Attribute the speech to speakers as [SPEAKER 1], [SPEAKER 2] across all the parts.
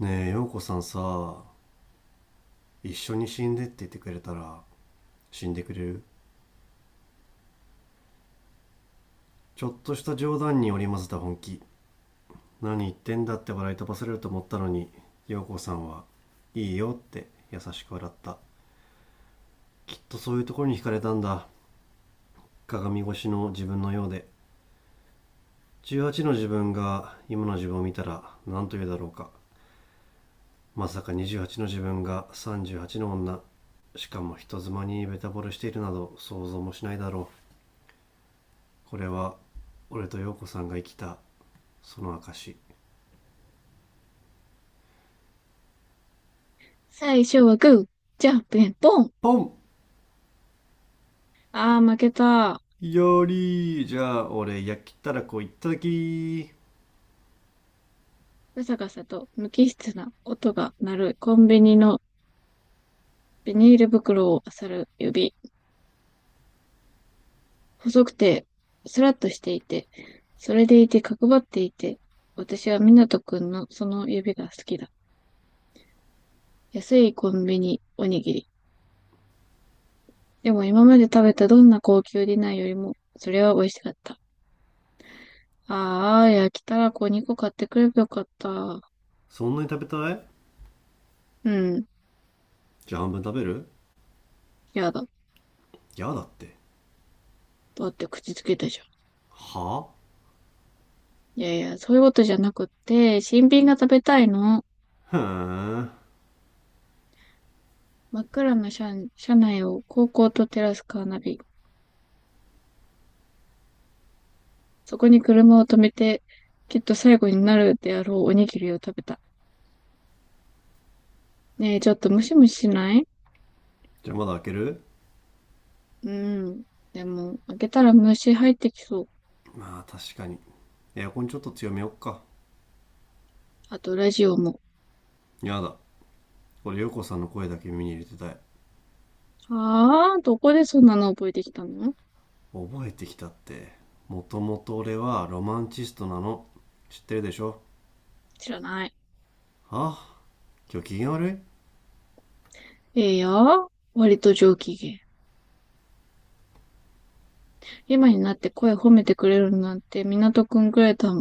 [SPEAKER 1] ねえ、陽子さんさ、一緒に死んでって言ってくれたら死んでくれる？ちょっとした冗談に織り交ぜた本気。何言ってんだって笑い飛ばされると思ったのに、陽子さんはいいよって優しく笑った。きっとそういうところに惹かれたんだ。鏡越しの自分のようで、18の自分が今の自分を見たら何と言うだろうか。まさか28の自分が38の女、しかも人妻にベタ惚れしているなど想像もしないだろう。これは俺と陽子さんが生きた、その証。
[SPEAKER 2] 最初はグー、じゃんけんポン。
[SPEAKER 1] ポン。
[SPEAKER 2] あー、負けた。
[SPEAKER 1] よりじゃあ俺焼きたらこいただき。
[SPEAKER 2] ガサガサと無機質な音が鳴るコンビニのビニール袋を漁る指。細くて、スラッとしていて、それでいて角張っていて、私は湊斗くんのその指が好きだ。安いコンビニおにぎり。でも今まで食べたどんな高級ディナーよりも、それは美味しかった。ああ、焼きたらこ2個買ってくればよかった。
[SPEAKER 1] そんなに食べたい？
[SPEAKER 2] うん、
[SPEAKER 1] じゃあ半分食べる。
[SPEAKER 2] やだ。
[SPEAKER 1] やだって？
[SPEAKER 2] だって口つけたじゃん。
[SPEAKER 1] は
[SPEAKER 2] いやいや、そういうことじゃなくって、新品が食べたいの。
[SPEAKER 1] あ。ふーん。
[SPEAKER 2] 真っ暗な車、車内を高校と照らすカーナビ。そこに車を止めて、きっと最後になるであろうおにぎりを食べた。ねえ、ちょっとムシムシしない？
[SPEAKER 1] じゃあまだ開ける。
[SPEAKER 2] うん。でも、開けたら虫入ってきそう。
[SPEAKER 1] まあ確かに。エアコンちょっと強めよっか。
[SPEAKER 2] あと、ラジオも。
[SPEAKER 1] やだ。俺陽子さんの声だけ耳に入れてたい。
[SPEAKER 2] はあ、どこでそんなの覚えてきたの？
[SPEAKER 1] 覚えてきたって？もともと俺はロマンチストなの。知ってるでしょ？
[SPEAKER 2] 知らない。
[SPEAKER 1] はあ。今日機嫌悪い？
[SPEAKER 2] ええよ。割と上機嫌。今になって声褒めてくれるなんて港くんくらいだ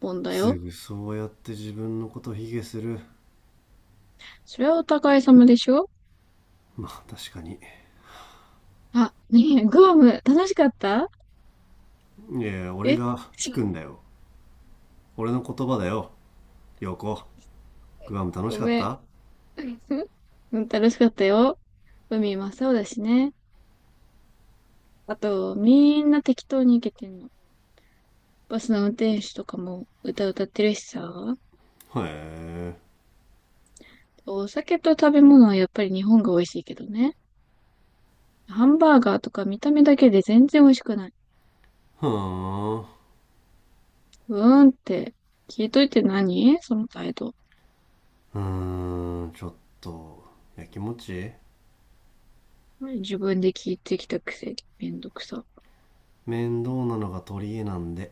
[SPEAKER 2] もんだ
[SPEAKER 1] す
[SPEAKER 2] よ。
[SPEAKER 1] ぐそうやって自分のこと卑下する。
[SPEAKER 2] それはお互い様でしょ？
[SPEAKER 1] まあ確かに。
[SPEAKER 2] あ、ねえ、グアム、楽しかった？
[SPEAKER 1] いやいや、俺
[SPEAKER 2] え、
[SPEAKER 1] が聞
[SPEAKER 2] ちょ
[SPEAKER 1] くんだよ。俺の言葉だよ。陽子、グアム楽
[SPEAKER 2] ご
[SPEAKER 1] しかっ
[SPEAKER 2] めん。
[SPEAKER 1] た？
[SPEAKER 2] うん、楽しかったよ。海真っ青だしね。あと、みんな適当に行けてんの。バスの運転手とかも歌歌ってるしさ。
[SPEAKER 1] へえ。
[SPEAKER 2] お酒と食べ物はやっぱり日本が美味しいけどね。ハンバーガーとか見た目だけで全然美味しくない。
[SPEAKER 1] ふーん、う
[SPEAKER 2] うーんって、聞いといて何その態度。
[SPEAKER 1] ーん。ちょっとやきもち。
[SPEAKER 2] 自分で聞いてきたくせにめんどくさ。
[SPEAKER 1] 面倒なのが取り柄なんで。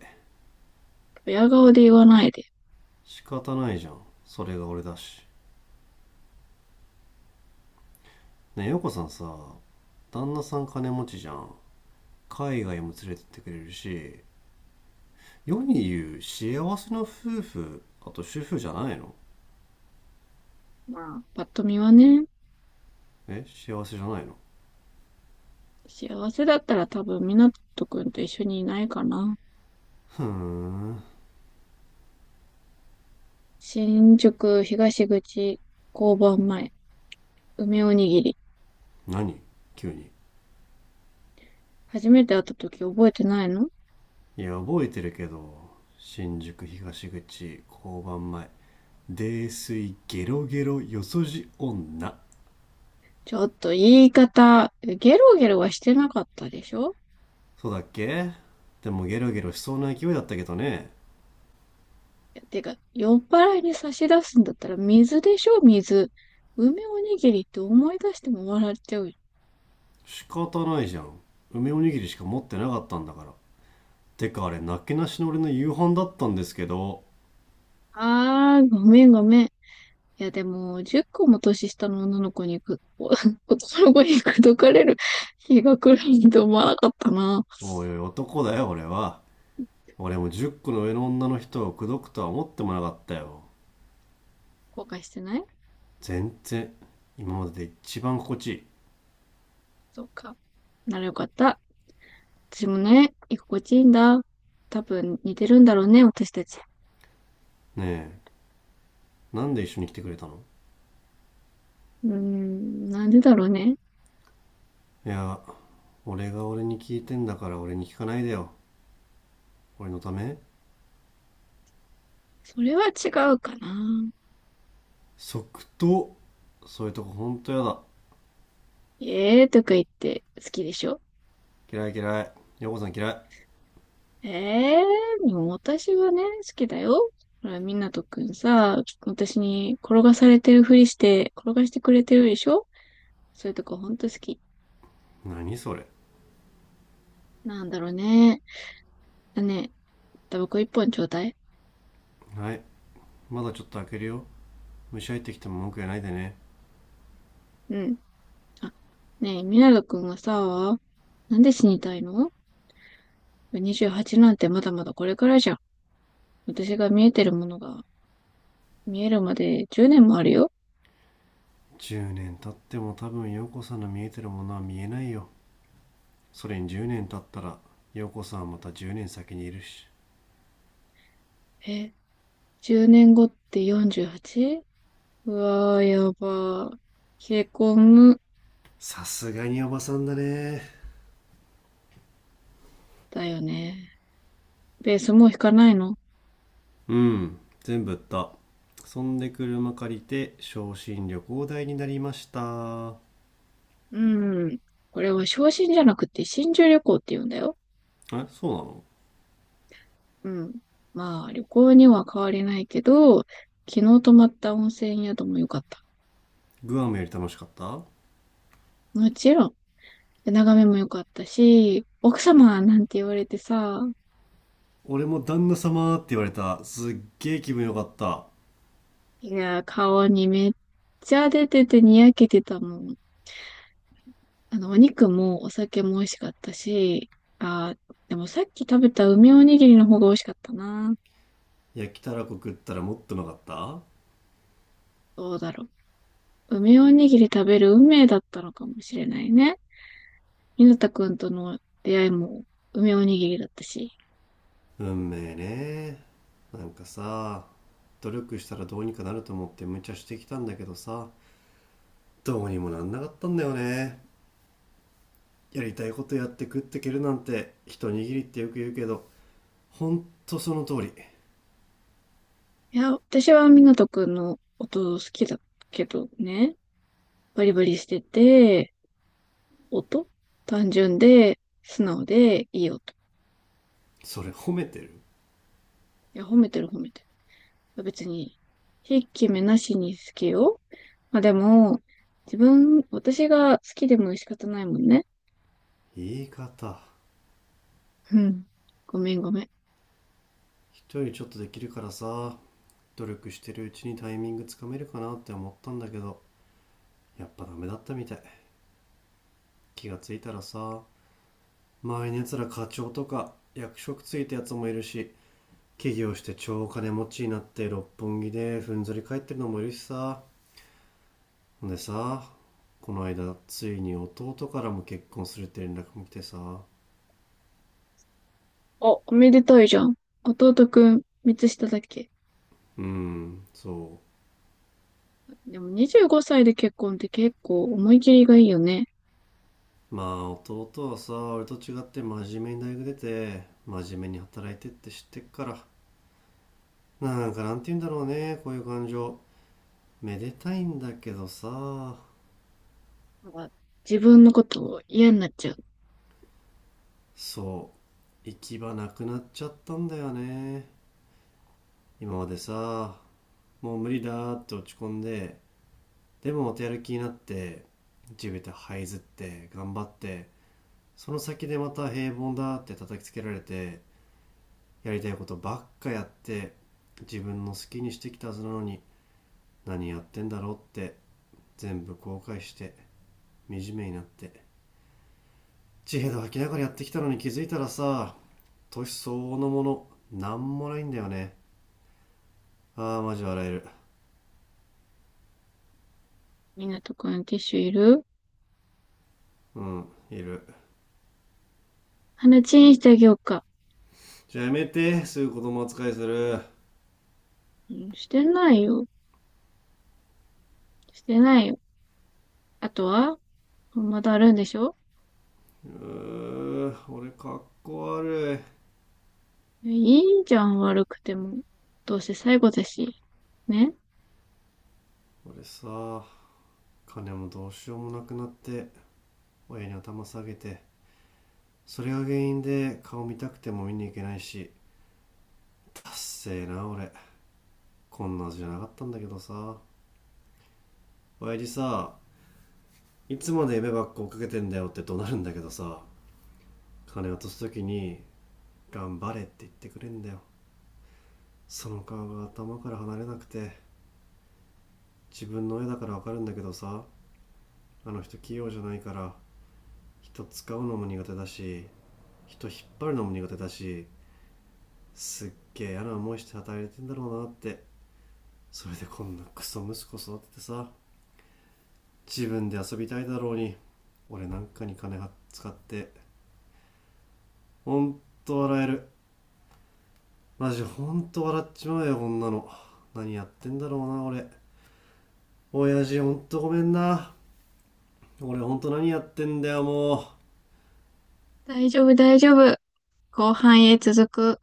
[SPEAKER 2] 親顔で言わないで。
[SPEAKER 1] 仕方ないじゃん。それが俺だし。ねえ、陽子さんさ、旦那さん金持ちじゃん。海外も連れてってくれるし、世に言う幸せな夫婦、あと主婦じゃないの？
[SPEAKER 2] まあ、パッと見はね。
[SPEAKER 1] え、幸せじゃないの？
[SPEAKER 2] 幸せだったら多分、みなとくんと一緒にいないかな。
[SPEAKER 1] ふーん。
[SPEAKER 2] 新宿東口交番前、梅おにぎり。
[SPEAKER 1] 何、急に。
[SPEAKER 2] 初めて会った時覚えてないの？
[SPEAKER 1] いや覚えてるけど、新宿東口交番前、泥酔ゲロゲロよそじ女。
[SPEAKER 2] ちょっと言い方、ゲロゲロはしてなかったでしょ？
[SPEAKER 1] そうだっけ？でもゲロゲロしそうな勢いだったけどね。
[SPEAKER 2] てか、酔っ払いに差し出すんだったら水でしょ、水。梅おにぎりって思い出しても笑っちゃう。
[SPEAKER 1] 仕方ないじゃん、梅おにぎりしか持ってなかったんだから。てかあれ、なけなしの俺の夕飯だったんですけど。
[SPEAKER 2] あー、ごめんごめん。いや、でも、10個も年下の女の子にく、お 男の子に口説かれる 日が来るなんて思わなかったな。
[SPEAKER 1] おいおい、男だよ俺は。俺も10個の上の女の人を口説くとは思ってもなかったよ。
[SPEAKER 2] 後悔してない？
[SPEAKER 1] 全然。今までで一番心地い
[SPEAKER 2] そっか。ならよかった。私もね、居心地いいんだ。多分似てるんだろうね、私たち。
[SPEAKER 1] い。ねえ、なんで一緒に来てくれたの？
[SPEAKER 2] うーん、なんでだろうね。
[SPEAKER 1] いや、俺が俺に聞いてんだから俺に聞かないでよ。俺のため？
[SPEAKER 2] それは違うかな。
[SPEAKER 1] 即答。そういうとこほんとやだ。
[SPEAKER 2] えーとか言って好きでしょ？
[SPEAKER 1] 嫌い嫌い、陽子さん嫌い。
[SPEAKER 2] ええー、でも私はね、好きだよ。ほら、みなとくんさ、私に転がされてるふりして、転がしてくれてるでしょ？そういうとこほんと好き。
[SPEAKER 1] 何それ。
[SPEAKER 2] なんだろうね。だね、タバコ一本ちょうだい。
[SPEAKER 1] はい。まだちょっと開けるよ。虫入ってきても文句言わないでね。
[SPEAKER 2] うん。あ、ねえ、ミナく君はさ、なんで死にたいの？ 28 なんてまだまだこれからじゃん。私が見えてるものが見えるまで10年もあるよ。
[SPEAKER 1] 10年経っても多分陽子さんの見えてるものは見えないよ。それに10年経ったら陽子さんはまた10年先にいるし。
[SPEAKER 2] え、10年後って 48？ うはちうわー、やばー。冷え込む。
[SPEAKER 1] さすがにおばさんだね。
[SPEAKER 2] だよね。ベースもう引かないの？
[SPEAKER 1] うん、全部売った。そんで車借りて昇進旅行代になりました。
[SPEAKER 2] うん。これは昇進じゃなくて新住旅行って言うんだよ。
[SPEAKER 1] え、そうなの？
[SPEAKER 2] うん。まあ、旅行には変わりないけど、昨日泊まった温泉宿も良かった。
[SPEAKER 1] グアムより楽しかった？
[SPEAKER 2] もちろん、眺めも良かったし、奥様なんて言われてさ、
[SPEAKER 1] 俺も旦那様って言われたすっげえ気分よかった。
[SPEAKER 2] いや、顔にめっちゃ出ててにやけてたもん。あの、お肉もお酒も美味しかったし、あー、でもさっき食べた梅おにぎりの方が美味しかったな。
[SPEAKER 1] 焼きたらこ食ったらもっとうまかった。
[SPEAKER 2] どうだろう。梅おにぎり食べる運命だったのかもしれないね。ひなたくんとの出会いも梅おにぎりだったし。
[SPEAKER 1] 運命ね。なんかさ、努力したらどうにかなると思って無茶してきたんだけどさ、どうにもなんなかったんだよね。やりたいことやって食ってけるなんて一握りってよく言うけど、ほんとその通り。
[SPEAKER 2] いや、私は湊斗くんの音好きだけどね、バリバリしてて、音単純で、素直で、いい音。
[SPEAKER 1] それ褒めてる？
[SPEAKER 2] いや、褒めてる褒めてる。別に、ひいき目なしに好きよ。まあでも、自分、私が好きでも仕方ないもんね。
[SPEAKER 1] 言い方。
[SPEAKER 2] うん。ごめんごめん。
[SPEAKER 1] 人よりちょっとできるからさ、努力してるうちにタイミングつかめるかなって思ったんだけど、やっぱダメだったみたい。気がついたらさ、周りのやつら課長とか役職ついたやつもいるし、起業して超金持ちになって六本木でふんぞり返ってるのもいるしさ。ほんでさ、この間ついに弟からも結婚するって連絡も来てさ。
[SPEAKER 2] あ、おめでたいじゃん。弟くん、三つ下だっけ？
[SPEAKER 1] うん、そ。
[SPEAKER 2] でも25歳で結婚って結構思い切りがいいよね。
[SPEAKER 1] まあ、弟はさ、俺と違って真面目に大学出て真面目に働いてって知ってっから、なんか、なんて言うんだろうね、こういう感情。めでたいんだけどさ。
[SPEAKER 2] なんか自分のことを嫌になっちゃう。
[SPEAKER 1] そう、行き場なくなっちゃったんだよね。今までさ、もう無理だーって落ち込んで、でもまたやる気になって、地べた這いずって頑張って、その先でまた平凡だって叩きつけられて、やりたいことばっかやって、自分の好きにしてきたはずなのに何やってんだろうって全部後悔して、惨めになって、地平で吐きながらやってきたのに、気づいたらさ、年相応のものなんもないんだよね。ああマジ笑える。
[SPEAKER 2] みなとくんティッシュいる？
[SPEAKER 1] うん、いる。
[SPEAKER 2] 鼻チンしてあげようか。
[SPEAKER 1] じゃあやめて、すぐ子供扱いするう。
[SPEAKER 2] うん、してないよ。してないよ。あとはまだあるんでしょ？
[SPEAKER 1] ー俺かっこ悪い。
[SPEAKER 2] いいじゃん、悪くても。どうせ最後だし。ね、
[SPEAKER 1] 俺さ、金もどうしようもなくなって親に頭下げて、それが原因で顔見たくても見に行けないし、達成な俺、こんなはずじゃなかったんだけどさ。親父さ、いつまで夢ばっか追っかけてんだよって怒鳴るんだけどさ、金渡す時に「頑張れ」って言ってくれんだよ。その顔が頭から離れなくて、自分の親だからわかるんだけどさ、あの人器用じゃないから、人使うのも苦手だし、人引っ張るのも苦手だし、すっげえ嫌な思いして働いてんだろうなって。それでこんなクソ息子育ててさ、自分で遊びたいだろうに俺なんかに金使って、ほんと笑える。マジほんと笑っちまうよこんなの。何やってんだろうな俺。親父ほんとごめんな。俺ほんと何やってんだよもう。
[SPEAKER 2] 大丈夫、大丈夫。後半へ続く。